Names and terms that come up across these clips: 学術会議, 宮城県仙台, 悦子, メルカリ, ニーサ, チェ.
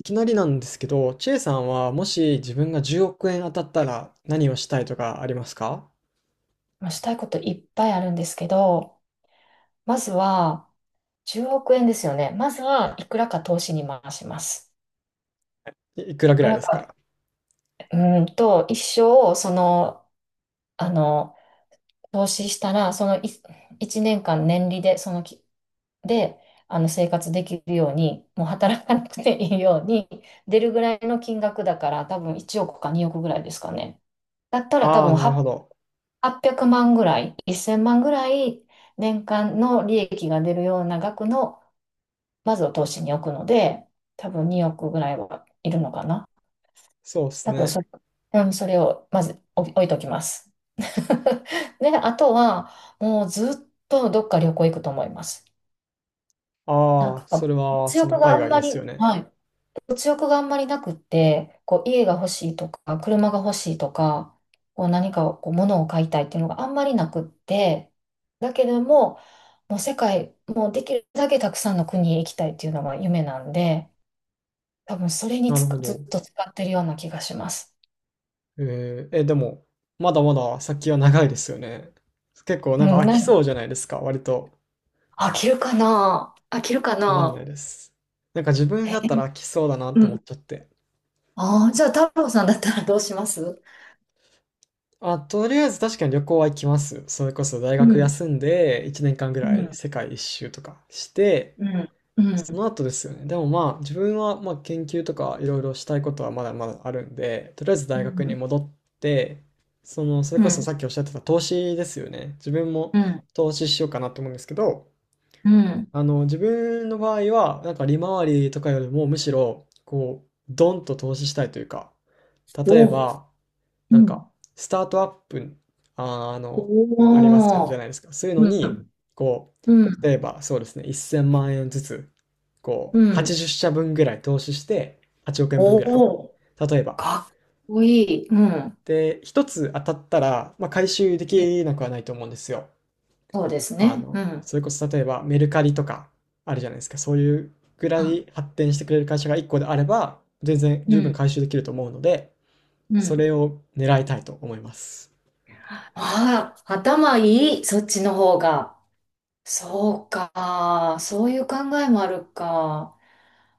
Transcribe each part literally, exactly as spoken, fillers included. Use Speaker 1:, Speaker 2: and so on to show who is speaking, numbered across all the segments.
Speaker 1: いきなりなんですけど、チェさんはもし自分がじゅうおく円当たったら何をしたいとかありますか？
Speaker 2: まあ、したいこといっぱいあるんですけど、まずはじゅうおく円ですよね。まずはいくらか投資に回します。
Speaker 1: いいくら
Speaker 2: い
Speaker 1: ぐ
Speaker 2: く
Speaker 1: らい
Speaker 2: ら
Speaker 1: ですか？
Speaker 2: か、うーんと、一生、その、あの、投資したら、そのいいちねんかん年利で、そのき、で、あの生活できるように、もう働かなくていいように、出るぐらいの金額だから、多分いちおくかにおくぐらいですかね。だったら多
Speaker 1: ああ、
Speaker 2: 分
Speaker 1: な
Speaker 2: は
Speaker 1: るほ
Speaker 2: っ
Speaker 1: ど。
Speaker 2: はっぴゃくまんぐらい、せんまんぐらい年間の利益が出るような額の、まずを投資に置くので、多分におくぐらいはいるのかな。
Speaker 1: そうです
Speaker 2: 多分そ
Speaker 1: ね。
Speaker 2: れ、うん、それをまず置置いときます。で、あとは、もうずっとどっか旅行行くと思います。なん
Speaker 1: ああ、
Speaker 2: か、
Speaker 1: それは、
Speaker 2: 物
Speaker 1: そ
Speaker 2: 欲
Speaker 1: の
Speaker 2: があ
Speaker 1: 海
Speaker 2: ん
Speaker 1: 外
Speaker 2: ま
Speaker 1: ですよ
Speaker 2: り、
Speaker 1: ね。
Speaker 2: はい。物欲があんまりなくって、こう家が欲しいとか、車が欲しいとか、こう何かこう物を買いたいっていうのがあんまりなくって、だけども、もう世界、もうできるだけたくさんの国へ行きたいっていうのが夢なんで、多分それに
Speaker 1: なる
Speaker 2: つ
Speaker 1: ほ
Speaker 2: く、ずっ
Speaker 1: ど。
Speaker 2: と使ってるような気がします。
Speaker 1: えー、え、でも、まだまだ先は長いですよね。結構
Speaker 2: う
Speaker 1: なんか
Speaker 2: ん、
Speaker 1: 飽き
Speaker 2: な、
Speaker 1: そうじゃないですか、割と。
Speaker 2: 飽きるかな飽きるか
Speaker 1: わかんない
Speaker 2: な。
Speaker 1: です。なんか自分だ
Speaker 2: え、
Speaker 1: ったら飽きそうだなっ
Speaker 2: う
Speaker 1: て思っ
Speaker 2: ん。
Speaker 1: ちゃって。
Speaker 2: ああ、じゃあ太郎さんだったらどうします？
Speaker 1: あ、とりあえず確かに旅行は行きます。それこそ大
Speaker 2: う
Speaker 1: 学
Speaker 2: ん、
Speaker 1: 休んでいちねんかんぐら
Speaker 2: う
Speaker 1: い
Speaker 2: ん、
Speaker 1: 世界一周とかして、
Speaker 2: うん、う
Speaker 1: そ
Speaker 2: ん、
Speaker 1: の後ですよね。でもまあ自分はまあ研究とかいろいろしたいことはまだまだあるんで、とりあえず
Speaker 2: う
Speaker 1: 大学に
Speaker 2: ん、
Speaker 1: 戻って、その、それ
Speaker 2: う
Speaker 1: こそ
Speaker 2: ん、
Speaker 1: さっきおっしゃってた投資ですよね。自分も
Speaker 2: うん、
Speaker 1: 投資しようかなと思うんですけど、
Speaker 2: うん。
Speaker 1: あの、自分の場合は、なんか利回りとかよりもむしろ、こう、ドンと投資したいというか、例え
Speaker 2: おお。
Speaker 1: ば、
Speaker 2: う
Speaker 1: なんか、
Speaker 2: ん。
Speaker 1: スタートアップ、あー、あの、あります
Speaker 2: お
Speaker 1: じゃ
Speaker 2: ー。
Speaker 1: ないですか。そういうの
Speaker 2: う
Speaker 1: に、
Speaker 2: ん。
Speaker 1: こ
Speaker 2: う
Speaker 1: う、例
Speaker 2: ん。
Speaker 1: えばそうですね、せんまん円ずつ、こ
Speaker 2: う
Speaker 1: う、
Speaker 2: ん。
Speaker 1: はちじゅう社分ぐらい投資して、はちおく円分ぐらい。
Speaker 2: おー。
Speaker 1: 例えば。
Speaker 2: かっこいい。うん。
Speaker 1: で、一つ当たったら、まあ、回収で
Speaker 2: うん、
Speaker 1: きなくはないと思うんですよ。
Speaker 2: そうです
Speaker 1: あ
Speaker 2: ね。う
Speaker 1: の、
Speaker 2: ん。
Speaker 1: それこそ例えばメルカリとかあるじゃないですか。そういうぐら
Speaker 2: うん。
Speaker 1: い発展してくれる会社がいっこであれば、全然
Speaker 2: う
Speaker 1: 十分
Speaker 2: ん。
Speaker 1: 回収できると思うので、
Speaker 2: う
Speaker 1: そ
Speaker 2: ん。
Speaker 1: れを狙いたいと思います。
Speaker 2: ああ、頭いい。そっちの方が。そうか。そういう考えもあるか。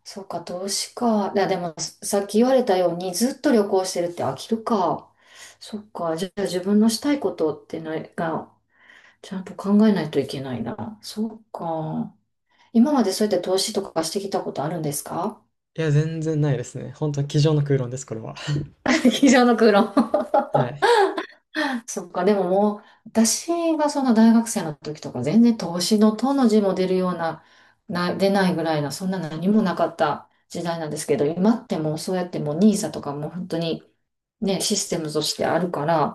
Speaker 2: そうか、投資か。いや、でも、さっき言われたように、ずっと旅行してるって飽きるか。そっか。じゃあ、自分のしたいことってないが、ちゃんと考えないといけないな。そうか。今までそうやって投資とかしてきたことあるんですか？
Speaker 1: いや、全然ないですね。本当に机上の空論です、これは。
Speaker 2: 机上の空論。
Speaker 1: はい。
Speaker 2: そっか、でももう、私がその大学生の時とか全然投資のとの字も出るような、な、出ないぐらいな、そんな何もなかった時代なんですけど、今ってもうそうやってもうニーサとかも本当にね、システムとしてあるから、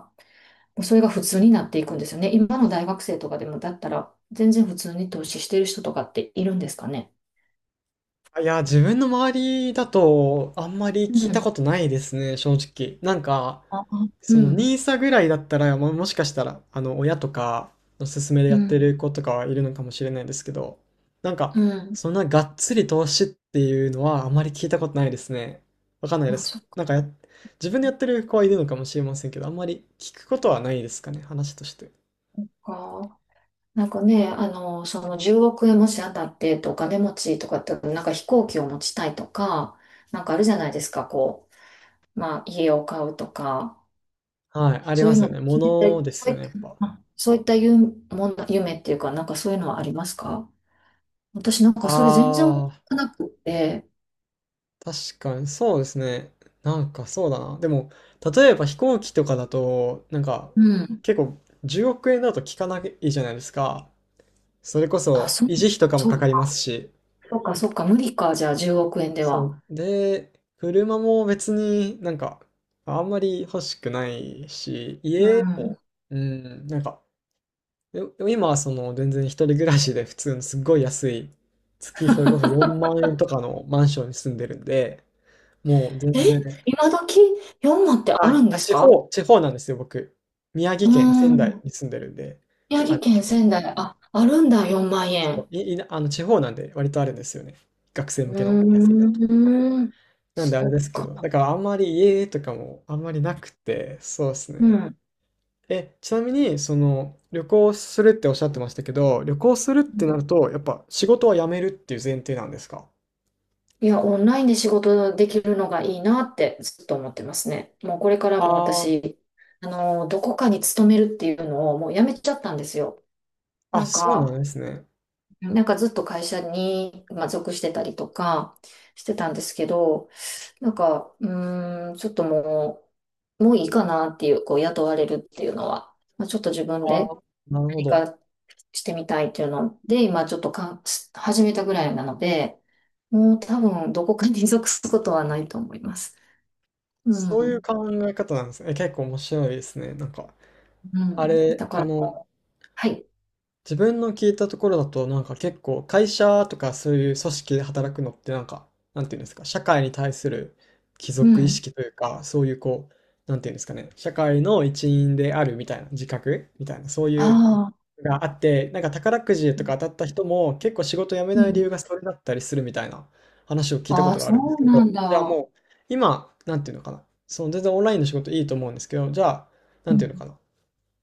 Speaker 2: もうそれが普通になっていくんですよね。今の大学生とかでもだったら、全然普通に投資してる人とかっているんですかね？
Speaker 1: いや、自分の周りだとあんまり
Speaker 2: う
Speaker 1: 聞いた
Speaker 2: ん。
Speaker 1: ことないですね、正直。なんか、
Speaker 2: あ、う
Speaker 1: その
Speaker 2: ん。
Speaker 1: ニーサぐらいだったら、ももしかしたら、あの、親とかの勧めで
Speaker 2: う
Speaker 1: やって
Speaker 2: ん。
Speaker 1: る子とかはいるのかもしれないんですけど、なんか、
Speaker 2: うん。
Speaker 1: そんながっつり投資っていうのはあまり聞いたことないですね。わかんないで
Speaker 2: あ、
Speaker 1: す。
Speaker 2: そっか。
Speaker 1: なんかや、自分でやってる子はいるのかもしれませんけど、あんまり聞くことはないですかね、話として。
Speaker 2: なんかね、あの、そのじゅうおく円もし当たってとお金持ちとかって、なんか飛行機を持ちたいとか、なんかあるじゃないですか、こう、まあ家を買うとか、
Speaker 1: はい、あり
Speaker 2: そうい
Speaker 1: ま
Speaker 2: う
Speaker 1: す
Speaker 2: の、
Speaker 1: よね。も
Speaker 2: そういった、
Speaker 1: のです
Speaker 2: そう
Speaker 1: よ
Speaker 2: い
Speaker 1: ね、
Speaker 2: っ
Speaker 1: やっぱ。
Speaker 2: た、そういった夢、もん夢っていうか、なんかそういうのはありますか？私なんかそれ全然思
Speaker 1: あ
Speaker 2: い
Speaker 1: あ、
Speaker 2: つかなくって、
Speaker 1: 確かに、そうですね。なんかそうだな。でも、例えば飛行機とかだと、なんか、
Speaker 2: うん。
Speaker 1: 結構、じゅうおく円だと効かないじゃないですか。それこ
Speaker 2: あ、
Speaker 1: そ、
Speaker 2: そう、
Speaker 1: 維持費とかも
Speaker 2: そ
Speaker 1: かか
Speaker 2: う
Speaker 1: りま
Speaker 2: か、
Speaker 1: すし。
Speaker 2: そうか、そうか、無理か、じゃあじゅうおく円で
Speaker 1: そ
Speaker 2: は。
Speaker 1: う。で、車も別になんか、あんまり欲しくないし、
Speaker 2: う
Speaker 1: 家
Speaker 2: ん。
Speaker 1: も、うん、なんか、よ今はその、全然一人暮らしで普通のすっごい安い、月それこそよんまん円とかのマンションに住んでるんで、もう
Speaker 2: え、
Speaker 1: 全然、
Speaker 2: 今時よんまんってある
Speaker 1: あ、
Speaker 2: んで
Speaker 1: あ、
Speaker 2: す
Speaker 1: 地
Speaker 2: か？
Speaker 1: 方地方なんですよ、僕。宮
Speaker 2: う
Speaker 1: 城県仙台
Speaker 2: ん。
Speaker 1: に住んでるんで、
Speaker 2: 宮
Speaker 1: あ
Speaker 2: 城
Speaker 1: の、
Speaker 2: 県
Speaker 1: 結構、
Speaker 2: 仙台、あ、あるんだ、よんまん
Speaker 1: そう、
Speaker 2: 円。
Speaker 1: いいなあの、地方なんで割とあるんですよね。学生向けの安い
Speaker 2: う
Speaker 1: やとこ。
Speaker 2: ーん、
Speaker 1: なんであれ
Speaker 2: そっ
Speaker 1: ですけど、
Speaker 2: か。
Speaker 1: だからあんまり家とかもあんまりなくて、そうです
Speaker 2: う
Speaker 1: ね。
Speaker 2: ん。
Speaker 1: え、ちなみに、その、旅行するっておっしゃってましたけど、旅行するって
Speaker 2: う
Speaker 1: な
Speaker 2: ん。
Speaker 1: ると、やっぱ仕事は辞めるっていう前提なんですか？
Speaker 2: いや、オンラインで仕事できるのがいいなってずっと思ってますね。もうこれからも
Speaker 1: ああ、
Speaker 2: 私、あの、どこかに勤めるっていうのをもうやめちゃったんですよ。な
Speaker 1: あ、
Speaker 2: ん
Speaker 1: そうなん
Speaker 2: か、
Speaker 1: ですね。
Speaker 2: なんかずっと会社に、まあ、属してたりとかしてたんですけど、なんか、うーん、ちょっともう、もういいかなっていう、こう、雇われるっていうのは、まあ、ちょっと自分
Speaker 1: ああ、
Speaker 2: で
Speaker 1: なるほ
Speaker 2: 何
Speaker 1: ど。
Speaker 2: かしてみたいっていうので、今ちょっとか始めたぐらいなので、もう多分どこかに属すことはないと思います。う
Speaker 1: そういう
Speaker 2: ん、
Speaker 1: 考え方なんですね。え、結構面白いですね、なんか。
Speaker 2: う
Speaker 1: あ
Speaker 2: ん。
Speaker 1: れ、
Speaker 2: だか
Speaker 1: あ
Speaker 2: ら、
Speaker 1: の、
Speaker 2: はい。
Speaker 1: 自分の聞いたところだと、なんか結構会社とかそういう組織で働くのってなんか、なんていうんですか、社会に対する帰
Speaker 2: う
Speaker 1: 属意
Speaker 2: ん。
Speaker 1: 識というか、そういうこう、なんていうんですかね、社会の一員であるみたいな、自覚みたいな、そういう
Speaker 2: ああ、
Speaker 1: のがあって、なんか宝くじとか当たった人も結構仕事辞め
Speaker 2: う
Speaker 1: ない理
Speaker 2: ん。
Speaker 1: 由がそれだったりするみたいな話を聞いたこ
Speaker 2: あ
Speaker 1: と
Speaker 2: あ、
Speaker 1: があ
Speaker 2: そ
Speaker 1: るんです
Speaker 2: う
Speaker 1: け
Speaker 2: な
Speaker 1: ど、
Speaker 2: ん
Speaker 1: じゃあ
Speaker 2: だ。
Speaker 1: もう、今、なんていうのかな、その全然オンラインの仕事いいと思うんですけど、じゃあ、な
Speaker 2: う
Speaker 1: んていうのか
Speaker 2: ん。
Speaker 1: な。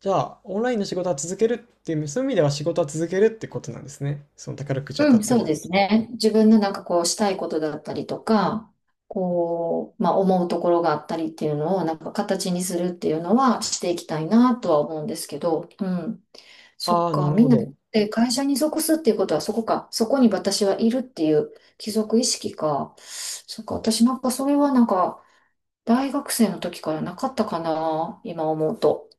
Speaker 1: じゃあ、オンラインの仕事は続けるっていう、そういう意味では仕事は続けるってことなんですね。その宝くじ当
Speaker 2: う
Speaker 1: たっ
Speaker 2: ん、
Speaker 1: て
Speaker 2: そう
Speaker 1: も。
Speaker 2: ですね。自分のなんかこうしたいことだったりとか、こう、まあ思うところがあったりっていうのをなんか形にするっていうのはしていきたいなとは思うんですけど、うん。そ
Speaker 1: あ
Speaker 2: っ
Speaker 1: あ、な
Speaker 2: か、
Speaker 1: る
Speaker 2: み
Speaker 1: ほ
Speaker 2: んな
Speaker 1: ど。
Speaker 2: で会社に属すっていうことはそこか、そこに私はいるっていう帰属意識か。そっか、私なんかそれはなんか大学生の時からなかったかな、今思うと。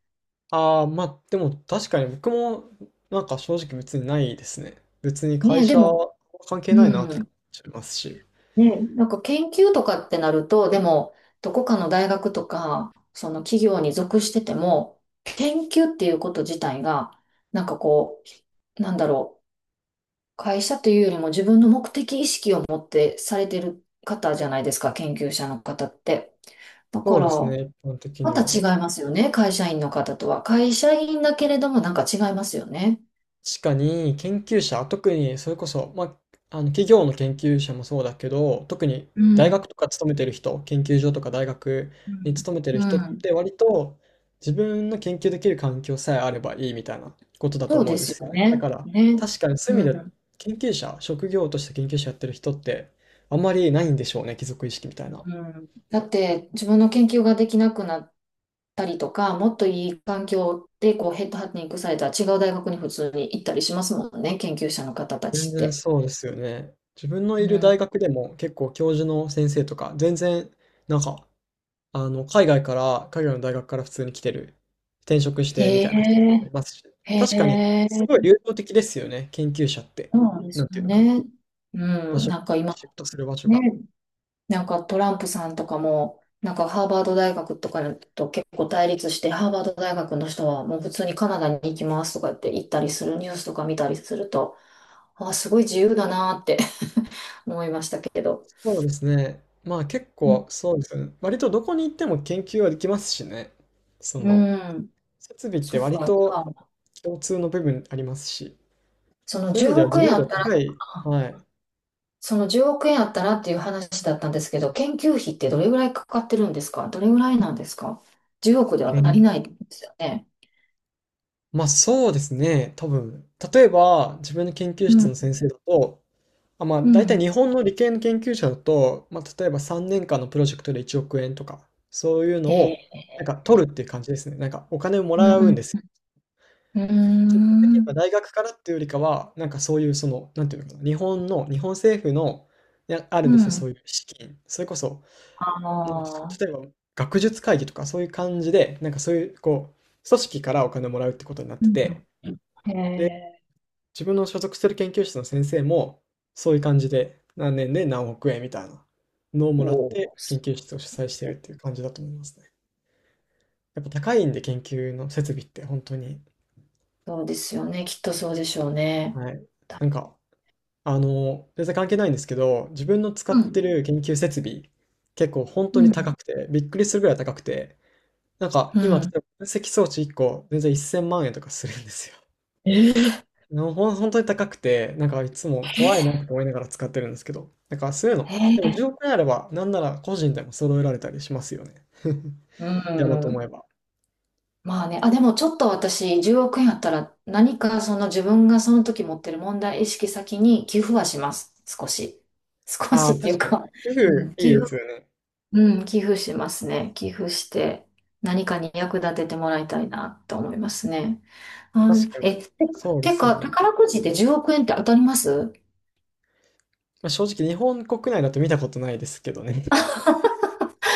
Speaker 1: ああ、まあ、でも確かに僕も、なんか正直別にないですね。別に会
Speaker 2: ねえ、で
Speaker 1: 社
Speaker 2: も、
Speaker 1: は関係
Speaker 2: う
Speaker 1: ないなって感
Speaker 2: ん。
Speaker 1: じますし。
Speaker 2: ね、なんか研究とかってなると、でも、どこかの大学とか、その企業に属してても、研究っていうこと自体が、なんかこう、なんだろう、会社というよりも自分の目的意識を持ってされてる方じゃないですか、研究者の方って。だ
Speaker 1: そ
Speaker 2: か
Speaker 1: う
Speaker 2: ら、
Speaker 1: ですね、一般的
Speaker 2: ま
Speaker 1: に
Speaker 2: た違
Speaker 1: は。
Speaker 2: いますよね、会社員の方とは。会社員だけれども、なんか違いますよね。
Speaker 1: 確かに研究者、特にそれこそ、まあ、あの企業の研究者もそうだけど、特に
Speaker 2: う
Speaker 1: 大
Speaker 2: ん。
Speaker 1: 学とか勤めてる人、研究所とか大学
Speaker 2: う
Speaker 1: に
Speaker 2: ん。
Speaker 1: 勤めてる
Speaker 2: う
Speaker 1: 人っ
Speaker 2: ん。
Speaker 1: て割と自分の研究できる環境さえあればいいみたいなことだと
Speaker 2: そう
Speaker 1: 思う
Speaker 2: で
Speaker 1: んで
Speaker 2: すよ
Speaker 1: すよね。だ
Speaker 2: ね。
Speaker 1: から
Speaker 2: ね。
Speaker 1: 確かにそうい
Speaker 2: う
Speaker 1: う意味で
Speaker 2: ん。
Speaker 1: 研究者、職業として研究者やってる人ってあんまりないんでしょうね、貴族意識みた
Speaker 2: う
Speaker 1: いな。
Speaker 2: ん。だって自分の研究ができなくなったりとか、もっといい環境でこうヘッドハンティングされたら違う大学に普通に行ったりしますもんね、研究者の方た
Speaker 1: 全
Speaker 2: ちっ
Speaker 1: 然
Speaker 2: て。
Speaker 1: そうですよね。自分のい
Speaker 2: う
Speaker 1: る大
Speaker 2: ん。
Speaker 1: 学でも結構教授の先生とか全然なんかあの、海外から、海外の大学から普通に来てる、転職してみ
Speaker 2: へ
Speaker 1: たいな人とかも
Speaker 2: え、
Speaker 1: いますし、
Speaker 2: へ
Speaker 1: 確かに
Speaker 2: え、
Speaker 1: すごい流動的ですよね、研究者って。
Speaker 2: そうなんで
Speaker 1: な
Speaker 2: す
Speaker 1: んて
Speaker 2: よ
Speaker 1: いうのかな、
Speaker 2: ね。う
Speaker 1: 場
Speaker 2: ん、
Speaker 1: 所
Speaker 2: なんか今
Speaker 1: シフトする場所
Speaker 2: ね、
Speaker 1: が。
Speaker 2: なんかトランプさんとかも、なんかハーバード大学とかと結構対立して、ハーバード大学の人はもう普通にカナダに行きますとかって言ったりするニュースとか見たりすると、あ、すごい自由だなって 思いましたけど。
Speaker 1: そうですね。まあ結
Speaker 2: う
Speaker 1: 構
Speaker 2: ん、
Speaker 1: そうですよね。割とどこに行っても研究はできますしね。そ
Speaker 2: う
Speaker 1: の、
Speaker 2: ん、
Speaker 1: 設備って
Speaker 2: そっ
Speaker 1: 割
Speaker 2: か。じゃ
Speaker 1: と
Speaker 2: あ
Speaker 1: 共通の部分ありますし、
Speaker 2: その
Speaker 1: そういう意味
Speaker 2: 10
Speaker 1: では自
Speaker 2: 億
Speaker 1: 由
Speaker 2: 円あ
Speaker 1: 度
Speaker 2: ったら、
Speaker 1: 高い、はい、
Speaker 2: そのじゅうおく円あったらっていう話だったんですけど、研究費ってどれぐらいかかってるんですか？どれぐらいなんですか？ じゅう 億では足り
Speaker 1: 研
Speaker 2: ないですよね。
Speaker 1: まあそうですね、多分。例えば、自分の研究
Speaker 2: う
Speaker 1: 室
Speaker 2: ん。
Speaker 1: の先生だと、あ、まあ、
Speaker 2: う
Speaker 1: 大体
Speaker 2: ん。
Speaker 1: 日本の理系の研究者だと、まあ、例えばさんねんかんのプロジェクトでいちおく円とか、そういうの
Speaker 2: え
Speaker 1: を、
Speaker 2: え、
Speaker 1: なんか取るっていう感じですね。なんかお金をも
Speaker 2: うん、
Speaker 1: らう
Speaker 2: う
Speaker 1: んです
Speaker 2: ん。
Speaker 1: よ。
Speaker 2: うー
Speaker 1: 基本的には
Speaker 2: ん。
Speaker 1: 大学からっていうよりかは、なんかそういうその、なんていうのかな、日本の、日本政府の、いやある
Speaker 2: う
Speaker 1: んですよ、そ
Speaker 2: ん。
Speaker 1: ういう資金。それこそ、
Speaker 2: あ
Speaker 1: なんていうんですか、例え
Speaker 2: あ。
Speaker 1: ば学術会議とかそういう感じで、なんかそういう、こう、組織からお金をもらうってことになって
Speaker 2: う
Speaker 1: て、
Speaker 2: ん、ええ、
Speaker 1: 自分の所属する研究室の先生も、そういう感じで、何年で何億円みたいなのをも
Speaker 2: お
Speaker 1: らって、
Speaker 2: ー。
Speaker 1: 研究室を主催してるっていう感じだと思いますね。やっぱ高いんで、研究の設備ってほんとに。
Speaker 2: そうですよね。きっとそうでしょうね。
Speaker 1: はい。
Speaker 2: だ
Speaker 1: なんか、あの、全然関係ないんですけど、自分の使
Speaker 2: う
Speaker 1: って
Speaker 2: ん。
Speaker 1: る研究設備、結構ほん
Speaker 2: う
Speaker 1: とに高
Speaker 2: ん。
Speaker 1: くて、びっくりするぐらい高くて、なんか
Speaker 2: う
Speaker 1: 今、例
Speaker 2: ん。
Speaker 1: えば分析装置いっこ、全然せんまん円とかするんですよ。
Speaker 2: え
Speaker 1: のほん、本当に高くて、なんかいつも怖いなって思いながら使ってるんですけど、なんかそういう
Speaker 2: え
Speaker 1: の、でも
Speaker 2: え、
Speaker 1: じゅうおく円あれば、なんなら個人でも揃えられたりしますよね。
Speaker 2: う
Speaker 1: やろうと思
Speaker 2: ん。
Speaker 1: えば。
Speaker 2: まあね、あ、でもちょっと私、じゅうおく円あったら、何かその自分がその時持ってる問題意識先に寄付はします。少し。少
Speaker 1: あ
Speaker 2: し
Speaker 1: あ、
Speaker 2: ってい
Speaker 1: 確
Speaker 2: う
Speaker 1: かに。
Speaker 2: か、
Speaker 1: 寄
Speaker 2: う
Speaker 1: 付
Speaker 2: ん、
Speaker 1: い
Speaker 2: 寄
Speaker 1: いで
Speaker 2: 付、
Speaker 1: すよね。
Speaker 2: うん、寄付しますね。寄付して、何かに役立ててもらいたいなと思いますね。あ、
Speaker 1: 確かに。
Speaker 2: え、て、
Speaker 1: そうで
Speaker 2: て
Speaker 1: すよ
Speaker 2: か、
Speaker 1: ね。
Speaker 2: 宝くじでじゅうおく円って当たります？
Speaker 1: まあ、正直日本国内だと見たことないですけどね。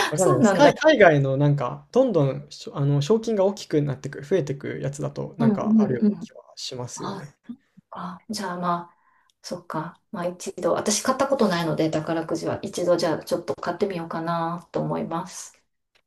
Speaker 1: わかんな
Speaker 2: そ
Speaker 1: いで
Speaker 2: う
Speaker 1: す。
Speaker 2: なん
Speaker 1: 海、
Speaker 2: だ。
Speaker 1: 海外のなんか、どんどんしょ、あの、賞金が大きくなってく、増えてくやつだと、な
Speaker 2: うん、
Speaker 1: ん
Speaker 2: う
Speaker 1: かある
Speaker 2: ん、
Speaker 1: よう
Speaker 2: う
Speaker 1: な
Speaker 2: ん。
Speaker 1: 気はしますよ
Speaker 2: あ、
Speaker 1: ね。
Speaker 2: そっか。じゃあまあ。そっか。まあ一度、私買ったことないので、宝くじは一度じゃあちょっと買ってみようかなと思います。